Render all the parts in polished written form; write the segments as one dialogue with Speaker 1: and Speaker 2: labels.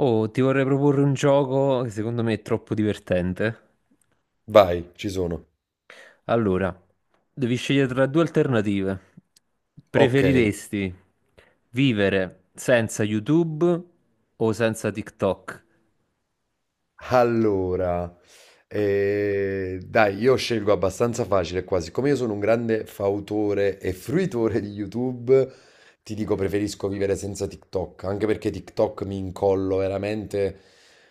Speaker 1: Oh, ti vorrei proporre un gioco che secondo me è troppo divertente.
Speaker 2: Vai, ci sono.
Speaker 1: Allora, devi scegliere tra due alternative.
Speaker 2: Ok,
Speaker 1: Preferiresti vivere senza YouTube o senza TikTok?
Speaker 2: allora, dai, io scelgo abbastanza facile qua. Siccome io sono un grande fautore e fruitore di YouTube, ti dico preferisco vivere senza TikTok, anche perché TikTok mi incollo veramente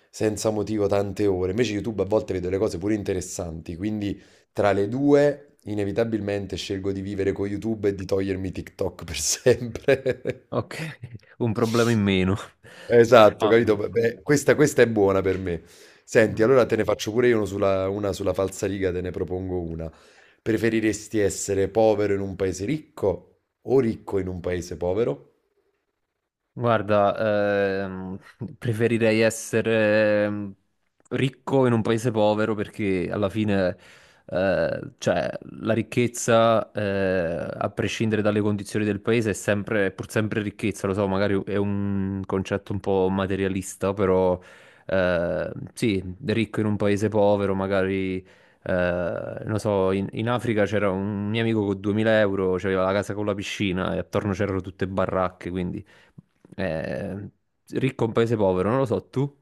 Speaker 2: senza motivo tante ore. Invece YouTube a volte vedo le cose pure interessanti, quindi tra le due inevitabilmente scelgo di vivere con YouTube e di togliermi TikTok per sempre.
Speaker 1: Ok, un problema in meno.
Speaker 2: Esatto,
Speaker 1: No,
Speaker 2: capito? Beh, questa è buona per me. Senti,
Speaker 1: no.
Speaker 2: allora te ne faccio pure io una sulla falsariga, te ne propongo una. Preferiresti essere povero in un paese ricco o ricco in un paese povero?
Speaker 1: Guarda, preferirei essere ricco in un paese povero perché alla fine, cioè, la ricchezza, a prescindere dalle condizioni del paese, è sempre, è pur sempre ricchezza. Lo so, magari è un concetto un po' materialista, però, sì, ricco in un paese povero, magari, non so, in Africa c'era un mio amico con 2000 euro, c'aveva la casa con la piscina e attorno c'erano tutte baracche, quindi eh, ricco un paese povero, non lo so, tu?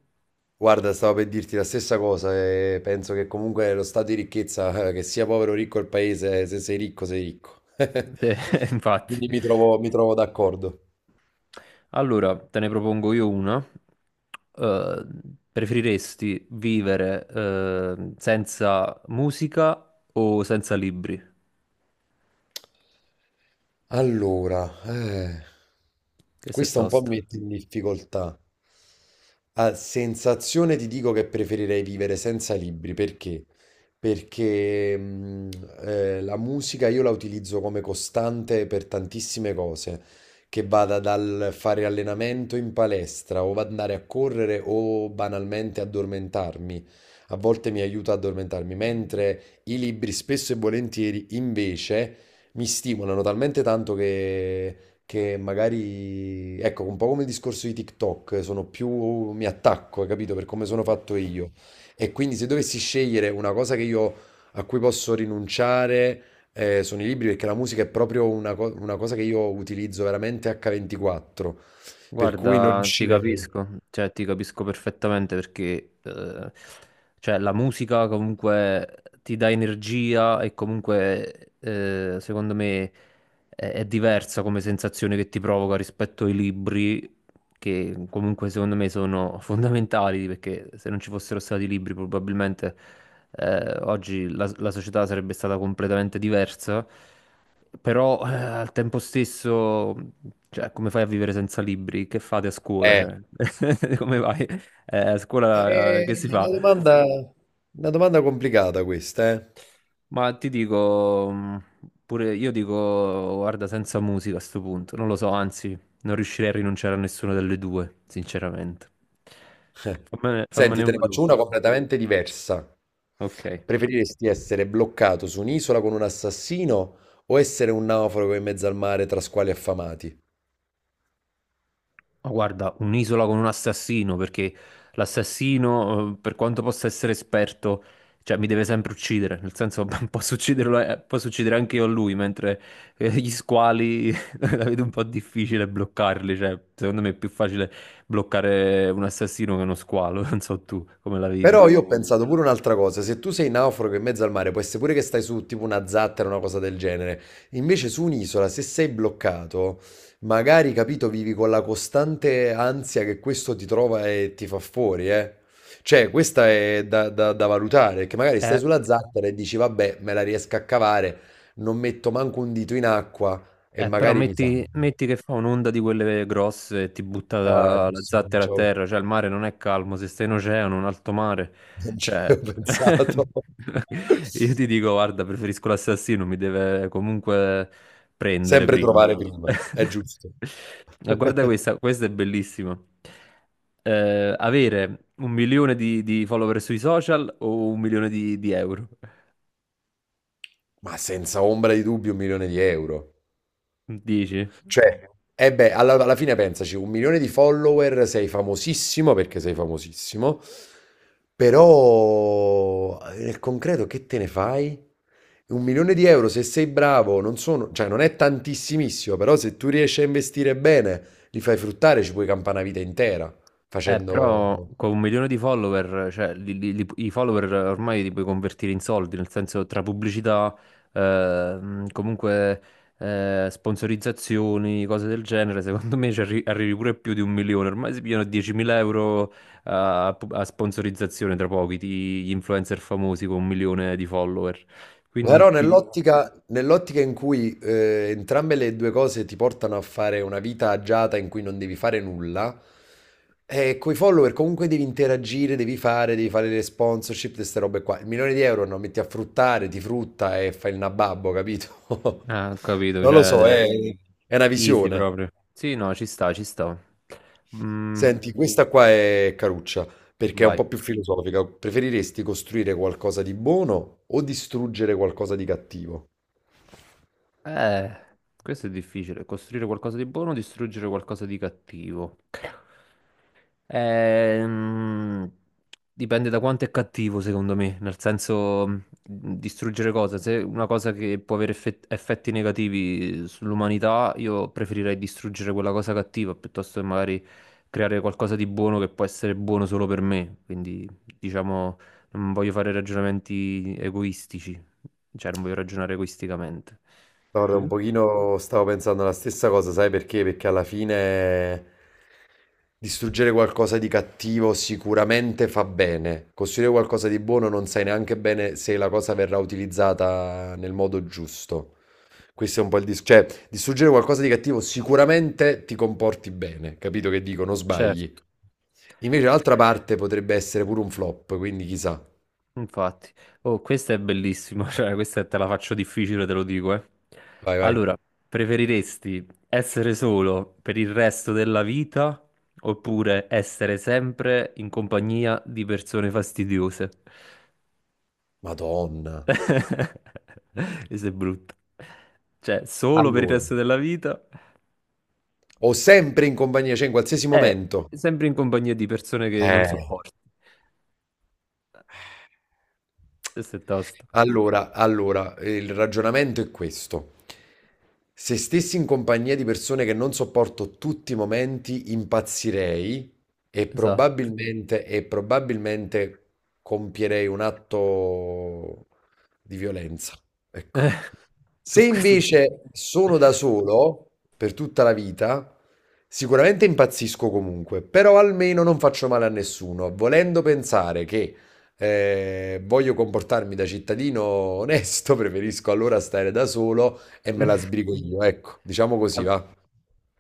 Speaker 2: Guarda, stavo per dirti la stessa cosa e penso che comunque lo stato di ricchezza, che sia povero o ricco il paese, se sei ricco sei ricco.
Speaker 1: Eh,
Speaker 2: Quindi
Speaker 1: infatti.
Speaker 2: mi trovo d'accordo.
Speaker 1: Allora, te ne propongo io una. Eh, preferiresti vivere senza musica o senza libri?
Speaker 2: Allora,
Speaker 1: Che se
Speaker 2: questa un po' mi
Speaker 1: tosta.
Speaker 2: mette in difficoltà. A sensazione ti dico che preferirei vivere senza libri, perché? Perché la musica io la utilizzo come costante per tantissime cose, che vada dal fare allenamento in palestra o andare a correre o banalmente addormentarmi. A volte mi aiuta ad addormentarmi, mentre i libri spesso e volentieri invece mi stimolano talmente tanto che magari, ecco, un po' come il discorso di TikTok, sono più, mi attacco, hai capito, per come sono fatto io. E quindi se dovessi scegliere una cosa che io, a cui posso rinunciare, sono i libri, perché la musica è proprio una, una cosa che io utilizzo veramente H24, per cui non
Speaker 1: Guarda, ti
Speaker 2: riuscirei.
Speaker 1: capisco, cioè ti capisco perfettamente perché cioè, la musica comunque ti dà energia e comunque secondo me è diversa come sensazione che ti provoca rispetto ai libri che comunque secondo me sono fondamentali perché se non ci fossero stati i libri probabilmente oggi la società sarebbe stata completamente diversa. Però al tempo stesso, cioè, come fai a vivere senza libri? Che fate a scuola?
Speaker 2: Eh,
Speaker 1: Cioè, come vai? A scuola, che si
Speaker 2: è
Speaker 1: fa?
Speaker 2: una domanda complicata questa, eh.
Speaker 1: Ma ti dico, pure io dico, guarda, senza musica a sto punto, non lo so, anzi, non riuscirei a rinunciare a nessuna delle due, sinceramente. Fammene,
Speaker 2: Senti,
Speaker 1: fammene
Speaker 2: te ne
Speaker 1: una tu.
Speaker 2: faccio una completamente diversa.
Speaker 1: Ok.
Speaker 2: Preferiresti essere bloccato su un'isola con un assassino o essere un naufrago in mezzo al mare tra squali affamati?
Speaker 1: Ma guarda, un'isola con un assassino, perché l'assassino, per quanto possa essere esperto, cioè mi deve sempre uccidere, nel senso posso ucciderlo, posso uccidere anche io a lui, mentre gli squali la vedo un po' difficile bloccarli, cioè secondo me è più facile bloccare un assassino che uno squalo, non so tu come la vedi.
Speaker 2: Però io pensato pure un'altra cosa, se tu sei naufrago in mezzo al mare, può essere pure che stai su tipo una zattera o una cosa del genere, invece su un'isola, se sei bloccato, magari, capito, vivi con la costante ansia che questo ti trova e ti fa fuori, eh. Cioè, questa è da valutare, che magari stai
Speaker 1: Eh,
Speaker 2: sulla zattera e dici, vabbè, me la riesco a cavare, non metto manco un dito in acqua e
Speaker 1: però
Speaker 2: magari mi sa.
Speaker 1: metti che fa un'onda di quelle grosse e ti butta
Speaker 2: Ah,
Speaker 1: la
Speaker 2: giusto, non
Speaker 1: zattera a
Speaker 2: ci avevo
Speaker 1: terra, cioè il mare non è calmo, se stai in oceano, un alto mare,
Speaker 2: non ci
Speaker 1: cioè
Speaker 2: avevo pensato.
Speaker 1: io ti dico, guarda, preferisco l'assassino, mi deve comunque prendere
Speaker 2: Sempre
Speaker 1: prima.
Speaker 2: trovare. Ah, prima, è giusto.
Speaker 1: Ma guarda questa, questa è bellissima. Avere un milione di follower sui social o un milione di euro?
Speaker 2: Ma senza ombra di dubbio, 1.000.000 di euro.
Speaker 1: Dici?
Speaker 2: Cioè, e beh, alla fine pensaci, un milione di follower, sei famosissimo perché sei famosissimo, però nel concreto che te ne fai? Un milione di euro, se sei bravo, non sono, cioè non è tantissimissimo, però se tu riesci a investire bene, li fai fruttare, ci puoi campare una vita intera
Speaker 1: Eh,
Speaker 2: facendo...
Speaker 1: però con un milione di follower, cioè i follower ormai li puoi convertire in soldi, nel senso tra pubblicità, comunque sponsorizzazioni, cose del genere, secondo me ci arrivi pure più di un milione, ormai si pigliano 10.000 euro a sponsorizzazione tra pochi, gli influencer famosi con un milione di follower.
Speaker 2: Però
Speaker 1: Quindi ti...
Speaker 2: nell'ottica in cui entrambe le due cose ti portano a fare una vita agiata in cui non devi fare nulla, coi follower comunque devi interagire, devi fare le sponsorship, queste robe qua. Il milione di euro non metti a fruttare, ti frutta e fai il nababbo, capito?
Speaker 1: Ah, ho capito,
Speaker 2: Non lo so,
Speaker 1: cioè...
Speaker 2: è una
Speaker 1: Easy
Speaker 2: visione.
Speaker 1: proprio. Sì, no, ci sta, ci sta. Mm,
Speaker 2: Senti, questa qua è caruccia, perché è un
Speaker 1: vai.
Speaker 2: po' più filosofica. Preferiresti costruire qualcosa di buono o distruggere qualcosa di cattivo?
Speaker 1: Eh, questo è difficile. Costruire qualcosa di buono, distruggere qualcosa di cattivo. Ehm, dipende da quanto è cattivo, secondo me. Nel senso, distruggere cosa? Se è una cosa che può avere effetti negativi sull'umanità, io preferirei distruggere quella cosa cattiva piuttosto che magari creare qualcosa di buono che può essere buono solo per me. Quindi, diciamo, non voglio fare ragionamenti egoistici. Cioè, non voglio ragionare egoisticamente.
Speaker 2: Guarda, un
Speaker 1: Tu?
Speaker 2: pochino stavo pensando la stessa cosa, sai perché? Perché alla fine distruggere qualcosa di cattivo sicuramente fa bene. Costruire qualcosa di buono non sai neanche bene se la cosa verrà utilizzata nel modo giusto. Questo è un po' il discorso. Cioè, distruggere qualcosa di cattivo sicuramente ti comporti bene, capito che dico? Non sbagli.
Speaker 1: Certo,
Speaker 2: Invece l'altra parte potrebbe essere pure un flop, quindi chissà.
Speaker 1: infatti. Oh, questa è bellissima, cioè, questa te la faccio difficile, te lo dico, eh.
Speaker 2: Vai, vai.
Speaker 1: Allora, preferiresti essere solo per il resto della vita oppure essere sempre in compagnia di persone fastidiose?
Speaker 2: Madonna.
Speaker 1: Questo è brutto. Cioè, solo per il
Speaker 2: Allora.
Speaker 1: resto della vita
Speaker 2: Ho sempre in compagnia, cioè in qualsiasi
Speaker 1: è
Speaker 2: momento.
Speaker 1: sempre in compagnia di persone che non
Speaker 2: Eh,
Speaker 1: sopporti. Questo è tosto.
Speaker 2: Allora, allora, il ragionamento è questo. Se stessi in compagnia di persone che non sopporto tutti i momenti, impazzirei
Speaker 1: Esatto.
Speaker 2: e probabilmente compierei un atto di violenza. Ecco.
Speaker 1: Eh,
Speaker 2: Se
Speaker 1: su, su-
Speaker 2: invece sono da solo per tutta la vita, sicuramente impazzisco comunque, però almeno non faccio male a nessuno, volendo pensare che voglio comportarmi da cittadino onesto, preferisco allora stare da solo e me la sbrigo io, ecco, diciamo così, va.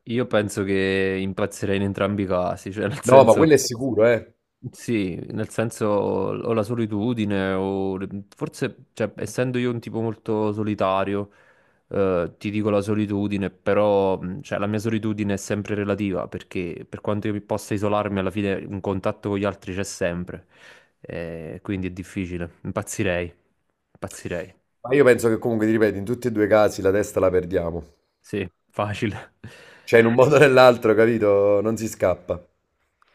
Speaker 1: Io penso che impazzirei in entrambi i casi, cioè nel
Speaker 2: No, ma
Speaker 1: senso,
Speaker 2: quello è sicuro, eh.
Speaker 1: sì, nel senso o la solitudine o forse, cioè, essendo io un tipo molto solitario, ti dico la solitudine, però cioè, la mia solitudine è sempre relativa perché per quanto io mi possa isolarmi, alla fine un contatto con gli altri c'è sempre. Quindi è difficile. Impazzirei, impazzirei,
Speaker 2: Ma io penso che comunque, ti ripeto, in tutti e due i casi la testa la perdiamo.
Speaker 1: sì, facile.
Speaker 2: Cioè, in un modo o nell'altro, capito? Non si scappa.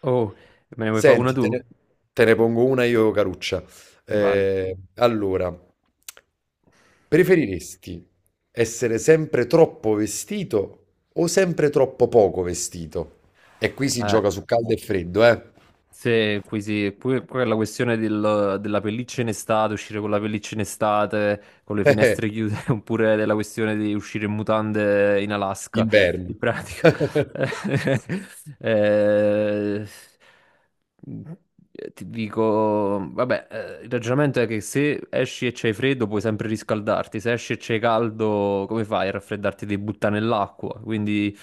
Speaker 1: Oh, me ne vuoi fare una
Speaker 2: Senti,
Speaker 1: tu?
Speaker 2: te ne pongo una io, Caruccia.
Speaker 1: Vai.
Speaker 2: Allora, preferiresti essere sempre troppo vestito o sempre troppo poco vestito? E qui si
Speaker 1: Eh,
Speaker 2: gioca su caldo e freddo, eh?
Speaker 1: se, qui sì, pure la questione della pelliccia in estate, uscire con la pelliccia in estate, con le finestre chiuse, oppure della questione di uscire in mutande in Alaska,
Speaker 2: Inverno.
Speaker 1: in pratica. Ti dico, vabbè, il ragionamento è che se esci e c'hai freddo puoi sempre riscaldarti, se esci e c'hai caldo, come fai a raffreddarti? Devi buttare nell'acqua, quindi...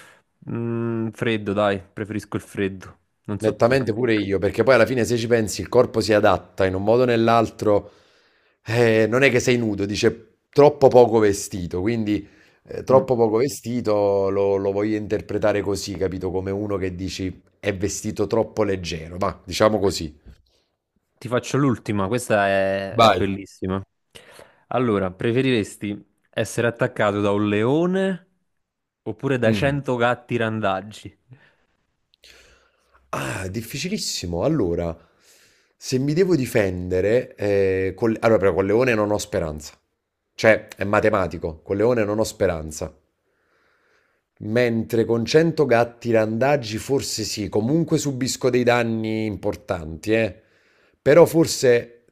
Speaker 1: Freddo, dai, preferisco il freddo. Non so tu.
Speaker 2: Nettamente pure io, perché poi alla fine se ci pensi il corpo si adatta in un modo o nell'altro, non è che sei nudo, dice troppo poco vestito, quindi
Speaker 1: Mm.
Speaker 2: troppo poco vestito lo voglio interpretare così, capito? Come uno che dici è vestito troppo leggero, ma diciamo così.
Speaker 1: Ti faccio l'ultima, questa è
Speaker 2: Vai.
Speaker 1: bellissima. Allora, preferiresti essere attaccato da un leone oppure da
Speaker 2: Mm.
Speaker 1: 100 gatti randaggi?
Speaker 2: Ah, difficilissimo. Allora, se mi devo difendere, allora però con Leone non ho speranza, cioè è matematico, con Leone non ho speranza. Mentre con 100 gatti randagi forse sì, comunque subisco dei danni importanti, eh. Però forse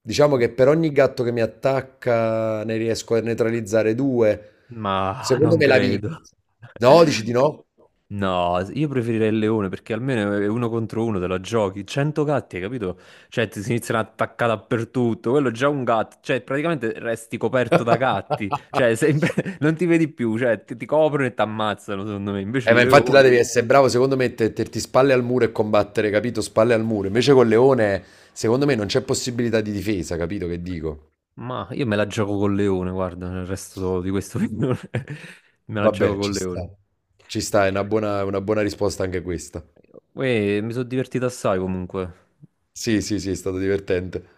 Speaker 2: diciamo che per ogni gatto che mi attacca ne riesco a neutralizzare due.
Speaker 1: Ma
Speaker 2: Secondo
Speaker 1: non
Speaker 2: me la vinco.
Speaker 1: credo.
Speaker 2: No, dici di no?
Speaker 1: No, io preferirei il leone perché almeno è uno contro uno te la giochi. 100 gatti, hai capito? Cioè, ti si iniziano a attaccare dappertutto. Quello è già un gatto, cioè, praticamente resti coperto da gatti. Cioè, sempre... non ti vedi più, cioè, ti coprono e ti ammazzano, secondo me. Invece il
Speaker 2: Ma infatti là
Speaker 1: leone,
Speaker 2: devi essere bravo, secondo me, metterti spalle al muro e combattere, capito? Spalle al muro. Invece col leone, secondo me, non c'è possibilità di difesa, capito che dico?
Speaker 1: ma io me la gioco col leone, guarda, il resto di questo film me la gioco
Speaker 2: Vabbè,
Speaker 1: col
Speaker 2: ci
Speaker 1: leone.
Speaker 2: sta. Ci sta, è una buona risposta anche questa.
Speaker 1: Uè, mi sono divertito assai comunque.
Speaker 2: Sì, sì, sì, è stato divertente.